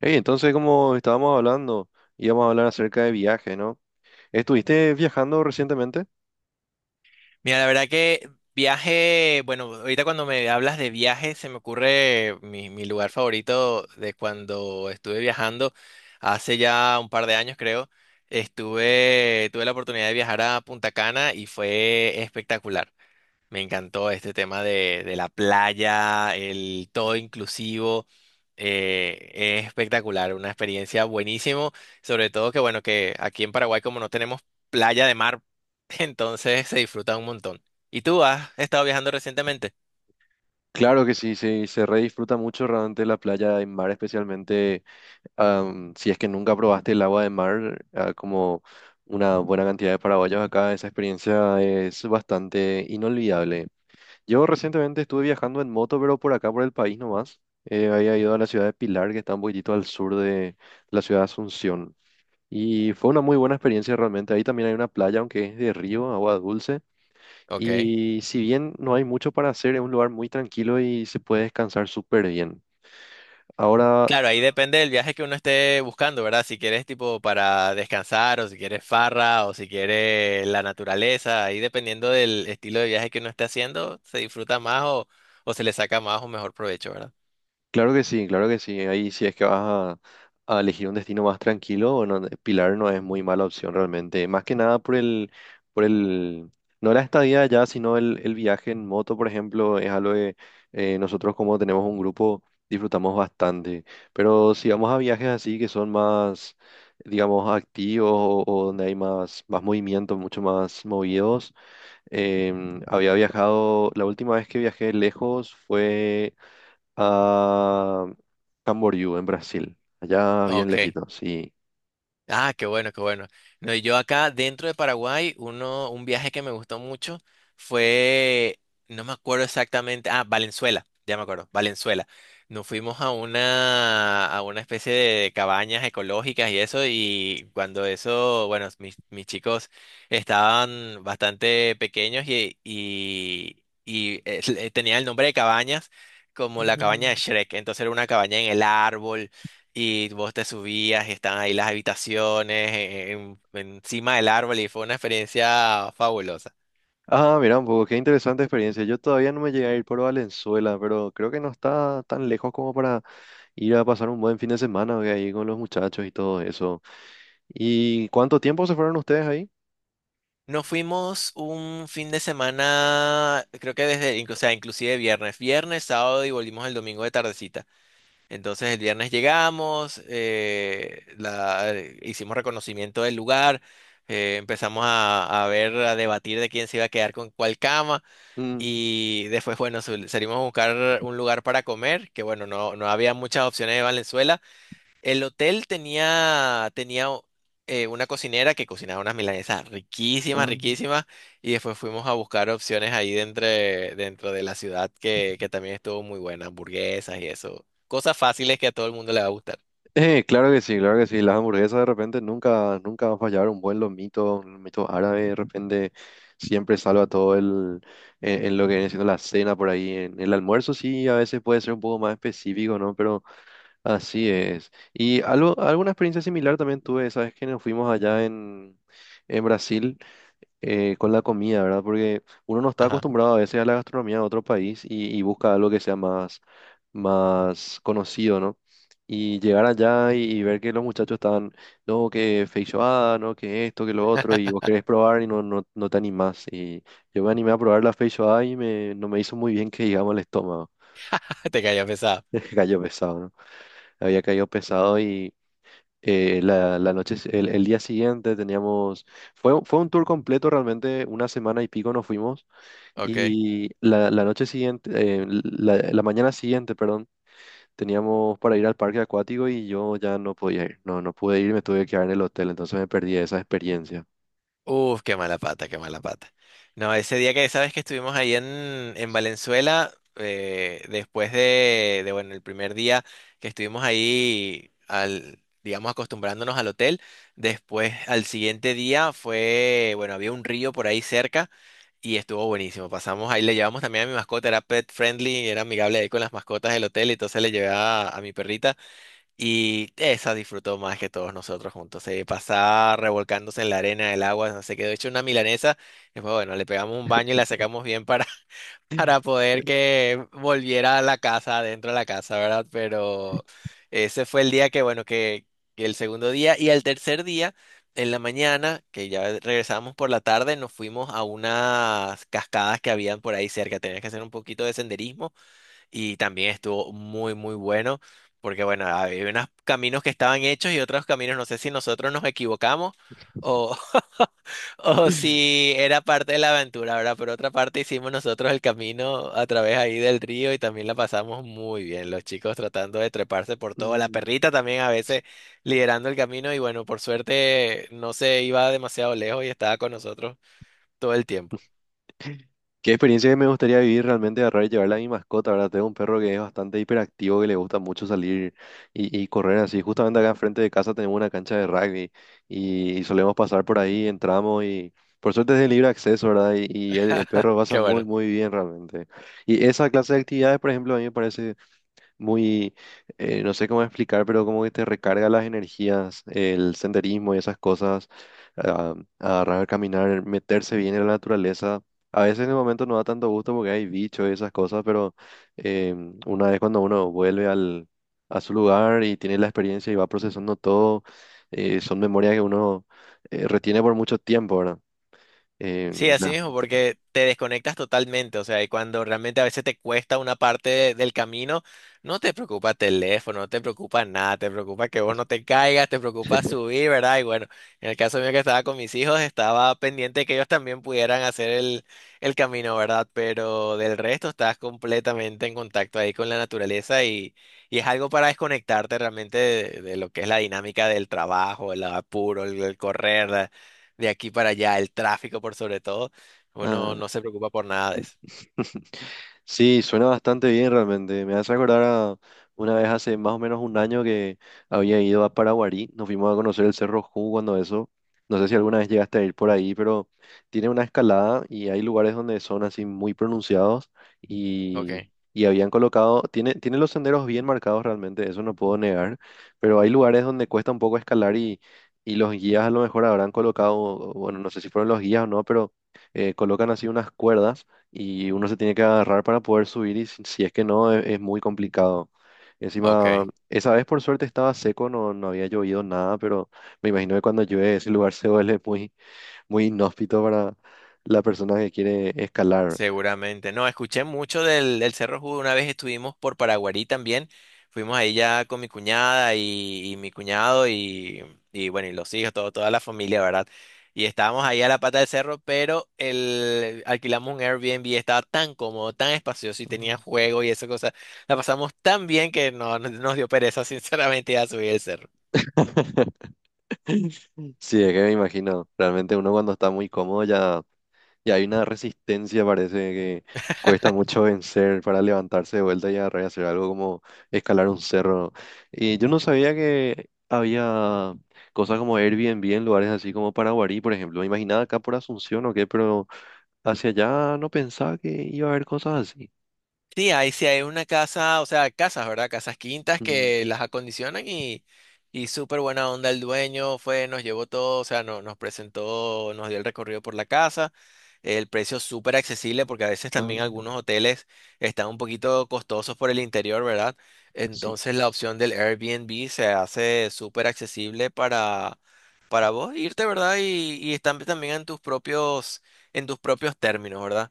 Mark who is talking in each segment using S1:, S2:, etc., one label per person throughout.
S1: Hey, entonces, como estábamos hablando, íbamos a hablar acerca de viaje, ¿no? ¿Estuviste viajando recientemente?
S2: Mira, la verdad que viaje, bueno, ahorita cuando me hablas de viaje se me ocurre mi lugar favorito de cuando estuve viajando hace ya un par de años creo. Tuve la oportunidad de viajar a Punta Cana y fue espectacular. Me encantó este tema de la playa, el todo inclusivo. eh, es espectacular, una experiencia buenísimo. Sobre todo que, bueno, que aquí en Paraguay, como no tenemos playa de mar, entonces se disfruta un montón. ¿Y tú has estado viajando recientemente?
S1: Claro que sí, sí, se re disfruta mucho realmente la playa de mar, especialmente si es que nunca probaste el agua de mar, como una buena cantidad de paraguayos acá, esa experiencia es bastante inolvidable. Yo recientemente estuve viajando en moto, pero por acá, por el país nomás. Había ido a la ciudad de Pilar, que está un poquitito al sur de la ciudad de Asunción. Y fue una muy buena experiencia realmente. Ahí también hay una playa, aunque es de río, agua dulce.
S2: Ok.
S1: Y si bien no hay mucho para hacer, es un lugar muy tranquilo y se puede descansar súper bien. Ahora,
S2: Claro, ahí depende del viaje que uno esté buscando, ¿verdad? Si quieres tipo para descansar o si quieres farra o si quieres la naturaleza, ahí dependiendo del estilo de viaje que uno esté haciendo, se disfruta más o se le saca más o mejor provecho, ¿verdad?
S1: claro que sí, claro que sí. Ahí si es que vas a elegir un destino más tranquilo, bueno, Pilar no es muy mala opción realmente. Más que nada por el, no la estadía allá, sino el viaje en moto, por ejemplo, es algo que nosotros como tenemos un grupo disfrutamos bastante. Pero si vamos a viajes así que son más, digamos, activos o donde hay más, más movimiento, mucho más movidos, había viajado, la última vez que viajé lejos fue a Camboriú, en Brasil, allá bien
S2: Ok.
S1: lejito, sí.
S2: Ah, qué bueno, qué bueno. No, y yo acá dentro de Paraguay, uno, un viaje que me gustó mucho fue, no me acuerdo exactamente, ah, Valenzuela, ya me acuerdo, Valenzuela. Nos fuimos a una especie de cabañas ecológicas y eso, y cuando eso, bueno, mis chicos estaban bastante pequeños y tenían el nombre de cabañas como la cabaña de
S1: Ujú.
S2: Shrek, entonces era una cabaña en el árbol y vos te subías y estaban ahí las habitaciones encima del árbol y fue una experiencia fabulosa.
S1: Ah, mira un poco, qué interesante experiencia. Yo todavía no me llegué a ir por Valenzuela, pero creo que no está tan lejos como para ir a pasar un buen fin de semana, ¿ve? Ahí con los muchachos y todo eso. ¿Y cuánto tiempo se fueron ustedes ahí?
S2: Nos fuimos un fin de semana, creo que desde, o sea, inclusive viernes, viernes, sábado y volvimos el domingo de tardecita. Entonces el viernes llegamos, hicimos reconocimiento del lugar, empezamos a ver, a debatir de quién se iba a quedar con cuál cama.
S1: Mm.
S2: Y después, bueno, salimos a buscar un lugar para comer, que bueno, no había muchas opciones de Valenzuela. El hotel tenía una cocinera que cocinaba unas milanesas riquísimas,
S1: Ah.
S2: riquísimas. Y después fuimos a buscar opciones ahí dentro de la ciudad que también estuvo muy buena, hamburguesas y eso. Cosas fáciles que a todo el mundo le va a gustar.
S1: Claro que sí, claro que sí. Las hamburguesas de repente nunca, nunca va a fallar. Un buen lomito, un lomito árabe de repente siempre salva todo en lo que viene siendo la cena por ahí. En el almuerzo sí, a veces puede ser un poco más específico, ¿no? Pero así es. Y algo, alguna experiencia similar también tuve, ¿sabes? Que nos fuimos allá en Brasil con la comida, ¿verdad? Porque uno no está
S2: Ajá,
S1: acostumbrado a veces a la gastronomía de otro país y busca algo que sea más, más conocido, ¿no? Y llegar allá y ver que los muchachos estaban, no, que feijoada, no, que esto, que lo otro, y vos querés probar y no, no, no te animás. Y yo me animé a probar la feijoada y no me hizo muy bien que digamos el estómago.
S2: te cayó pesado.
S1: Cayó pesado, ¿no? Había caído pesado y la noche, el día siguiente teníamos, fue un tour completo realmente, una semana y pico nos fuimos
S2: Ok.
S1: y la noche siguiente, la mañana siguiente, perdón, teníamos para ir al parque acuático y yo ya no podía ir, no, no pude ir, me tuve que quedar en el hotel, entonces me perdí esa experiencia.
S2: Uf, qué mala pata, qué mala pata. No, ese día que sabes que estuvimos ahí en Valenzuela, después de, bueno, el primer día que estuvimos ahí, al, digamos, acostumbrándonos al hotel, después al siguiente día fue, bueno, había un río por ahí cerca y estuvo buenísimo. Pasamos ahí, le llevamos también a mi mascota, era pet friendly, era amigable ahí con las mascotas del hotel, entonces le llevé a mi perrita y esa disfrutó más que todos nosotros juntos. Se pasaba revolcándose en la arena, en el agua, se quedó hecho una milanesa. Después bueno, le pegamos un baño y la sacamos bien para, para poder que volviera a la casa, adentro de la casa, ¿verdad? Pero ese fue el día que el segundo día y el tercer día, en la mañana, que ya regresábamos por la tarde, nos fuimos a unas cascadas que habían por ahí cerca. Tenías que hacer un poquito de senderismo y también estuvo muy, muy bueno, porque bueno, había unos caminos que estaban hechos y otros caminos, no sé si nosotros nos equivocamos o, o si era parte de la aventura, ¿verdad? Por otra parte hicimos nosotros el camino a través ahí del río y también la pasamos muy bien, los chicos tratando de treparse por todo, la
S1: Mm.
S2: perrita también a veces liderando el camino y bueno, por suerte no se iba demasiado lejos y estaba con nosotros todo el tiempo.
S1: ¿Qué experiencia me gustaría vivir realmente de agarrar y llevarla a mi mascota? ¿Verdad? Tengo un perro que es bastante hiperactivo, que le gusta mucho salir y correr así. Justamente acá enfrente de casa tenemos una cancha de rugby y solemos pasar por ahí, entramos y por suerte es de libre acceso, ¿verdad? Y el perro pasa
S2: Qué
S1: muy,
S2: bueno.
S1: muy bien realmente. Y esa clase de actividades, por ejemplo, a mí me parece muy, no sé cómo explicar, pero como que te recarga las energías, el senderismo y esas cosas, ah, agarrar, caminar, meterse bien en la naturaleza. A veces en el momento no da tanto gusto porque hay bichos y esas cosas, pero una vez cuando uno vuelve a su lugar y tiene la experiencia y va procesando todo, son memorias que uno retiene por mucho tiempo, ¿verdad?
S2: Sí,
S1: Em,
S2: así mismo, porque te desconectas totalmente, o sea, y cuando realmente a veces te cuesta una parte del camino, no te preocupa teléfono, no te preocupa nada, te preocupa que vos no te caigas, te preocupa subir, ¿verdad? Y bueno, en el caso mío que estaba con mis hijos, estaba pendiente que ellos también pudieran hacer el camino, ¿verdad? Pero del resto estás completamente en contacto ahí con la naturaleza y es algo para desconectarte realmente de lo que es la dinámica del trabajo, el apuro, el correr de aquí para allá, el tráfico por sobre todo, uno
S1: ¿Verdad?
S2: no se preocupa por nada de eso.
S1: Sí, suena bastante bien realmente. Me hace acordar a una vez hace más o menos un año que había ido a Paraguarí. Nos fuimos a conocer el Cerro Ju cuando eso. No sé si alguna vez llegaste a ir por ahí, pero tiene una escalada y hay lugares donde son así muy pronunciados
S2: Ok,
S1: y, y habían colocado, tiene, tiene los senderos bien marcados realmente, eso no puedo negar, pero hay lugares donde cuesta un poco escalar y los guías a lo mejor habrán colocado, bueno, no sé si fueron los guías o no, pero colocan así unas cuerdas y uno se tiene que agarrar para poder subir y si es que no, es, muy complicado. Encima,
S2: ok,
S1: esa vez por suerte estaba seco, no, no había llovido nada, pero me imagino que cuando llueve ese lugar se vuelve muy, muy inhóspito para la persona que quiere escalar.
S2: seguramente. No, escuché mucho del Cerro Judo, una vez estuvimos por Paraguarí también, fuimos ahí ya con mi cuñada y mi cuñado y bueno, y los hijos, todo, toda la familia, ¿verdad? Y estábamos ahí a la pata del cerro, pero el, alquilamos un Airbnb, estaba tan cómodo, tan espacioso y tenía
S1: Ujú.
S2: juego y esa cosa. La pasamos tan bien que nos dio pereza, sinceramente, a subir el cerro.
S1: Sí, es que me imagino. Realmente uno cuando está muy cómodo ya, y hay una resistencia, parece que cuesta mucho vencer para levantarse de vuelta y agarrar y hacer algo como escalar un cerro, ¿no? Y yo no sabía que había cosas como Airbnb en lugares así como Paraguarí, por ejemplo. Me imaginaba acá por Asunción o qué, pero hacia allá no pensaba que iba a haber cosas así.
S2: Sí, ahí sí hay una casa, o sea, casas, ¿verdad? Casas quintas
S1: Mm.
S2: que las acondicionan y súper buena onda el dueño fue, nos llevó todo, o sea, no, nos presentó, nos dio el recorrido por la casa, el precio súper accesible porque a veces también algunos
S1: Ah,
S2: hoteles están un poquito costosos por el interior, ¿verdad?
S1: sí.
S2: Entonces la opción del Airbnb se hace súper accesible para vos irte, ¿verdad? Y están también en tus propios términos, ¿verdad?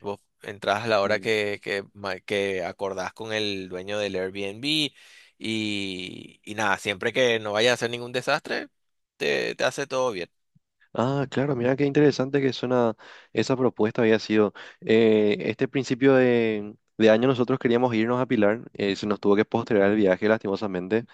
S2: Vos entrás a la hora
S1: Mm.
S2: que acordás con el dueño del Airbnb y nada, siempre que no vaya a hacer ningún desastre, te hace todo bien.
S1: Ah, claro, mira qué interesante que suena esa propuesta había sido. Este principio de año nosotros queríamos irnos a Pilar, se nos tuvo que postergar el viaje lastimosamente.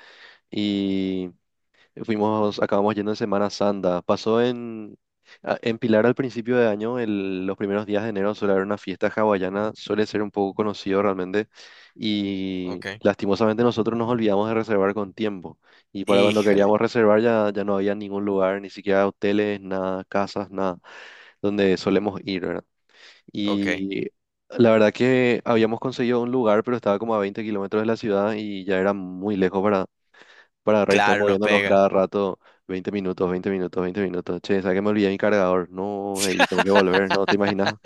S1: Fuimos, acabamos yendo en Semana Santa. Pasó en Pilar al principio de año, los primeros días de enero suele haber una fiesta hawaiana, suele ser un poco conocido realmente. Y
S2: Ok.
S1: lastimosamente nosotros nos olvidamos de reservar con tiempo. Y para cuando
S2: Híjole,
S1: queríamos reservar ya, ya no había ningún lugar, ni siquiera hoteles, nada, casas, nada, donde solemos ir, ¿verdad?
S2: ok.
S1: Y la verdad que habíamos conseguido un lugar, pero estaba como a 20 km de la ciudad y ya era muy lejos estar
S2: Claro, no
S1: moviéndonos
S2: pega.
S1: cada rato 20 minutos, 20 minutos, 20 minutos. Che, ¿sabes que me olvidé mi cargador? No, ey, tengo que volver, ¿no? ¿Te imaginas?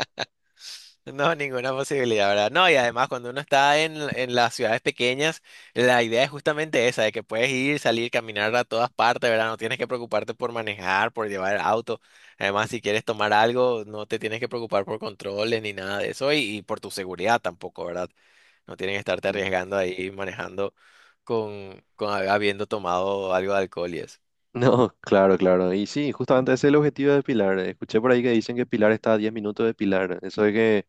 S2: No, ninguna posibilidad, ¿verdad? No, y además cuando uno está en las ciudades pequeñas, la idea es justamente esa, de que puedes ir, salir, caminar a todas partes, ¿verdad? No tienes que preocuparte por manejar, por llevar auto. Además, si quieres tomar algo, no te tienes que preocupar por controles ni nada de eso y por tu seguridad tampoco, ¿verdad? No tienes que estarte
S1: Mm.
S2: arriesgando ahí manejando con habiendo tomado algo de alcohol y eso.
S1: No, claro, claro. Y sí, justamente ese es el objetivo de Pilar. Escuché por ahí que dicen que Pilar está a 10 minutos de Pilar. Eso de que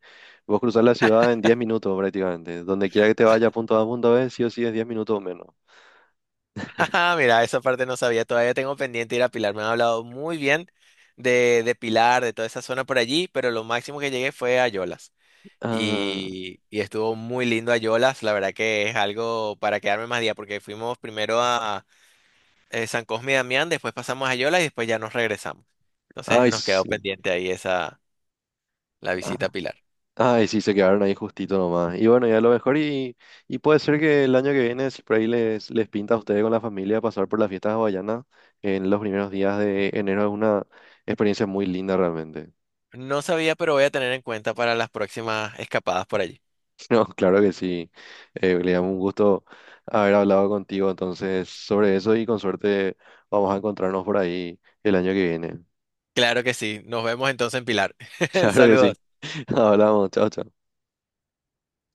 S1: vos cruzás la ciudad en 10 minutos prácticamente. Donde quiera que te vaya, punto A, punto B, sí o sí es 10 minutos o menos.
S2: Ajá, mira, esa parte no sabía, todavía tengo pendiente ir a Pilar, me han hablado muy bien de Pilar, de toda esa zona por allí, pero lo máximo que llegué fue a Yolas
S1: Ah,
S2: y estuvo muy lindo a Yolas, la verdad que es algo para quedarme más día porque fuimos primero a San Cosme y Damián, después pasamos a Yolas y después ya nos regresamos. Entonces
S1: ay,
S2: nos quedó
S1: sí.
S2: pendiente ahí esa, la visita a
S1: Ah,
S2: Pilar.
S1: ay, sí, se quedaron ahí justito nomás. Y bueno, ya a lo mejor y puede ser que el año que viene, si por ahí les pinta a ustedes con la familia pasar por las fiestas hawaianas en los primeros días de enero, es una experiencia muy linda realmente.
S2: No sabía, pero voy a tener en cuenta para las próximas escapadas por allí.
S1: No, claro que sí. Le damos un gusto haber hablado contigo entonces sobre eso y con suerte vamos a encontrarnos por ahí el año que viene.
S2: Claro que sí, nos vemos entonces en Pilar.
S1: Claro que sí.
S2: Saludos.
S1: Hablamos, chao, chao.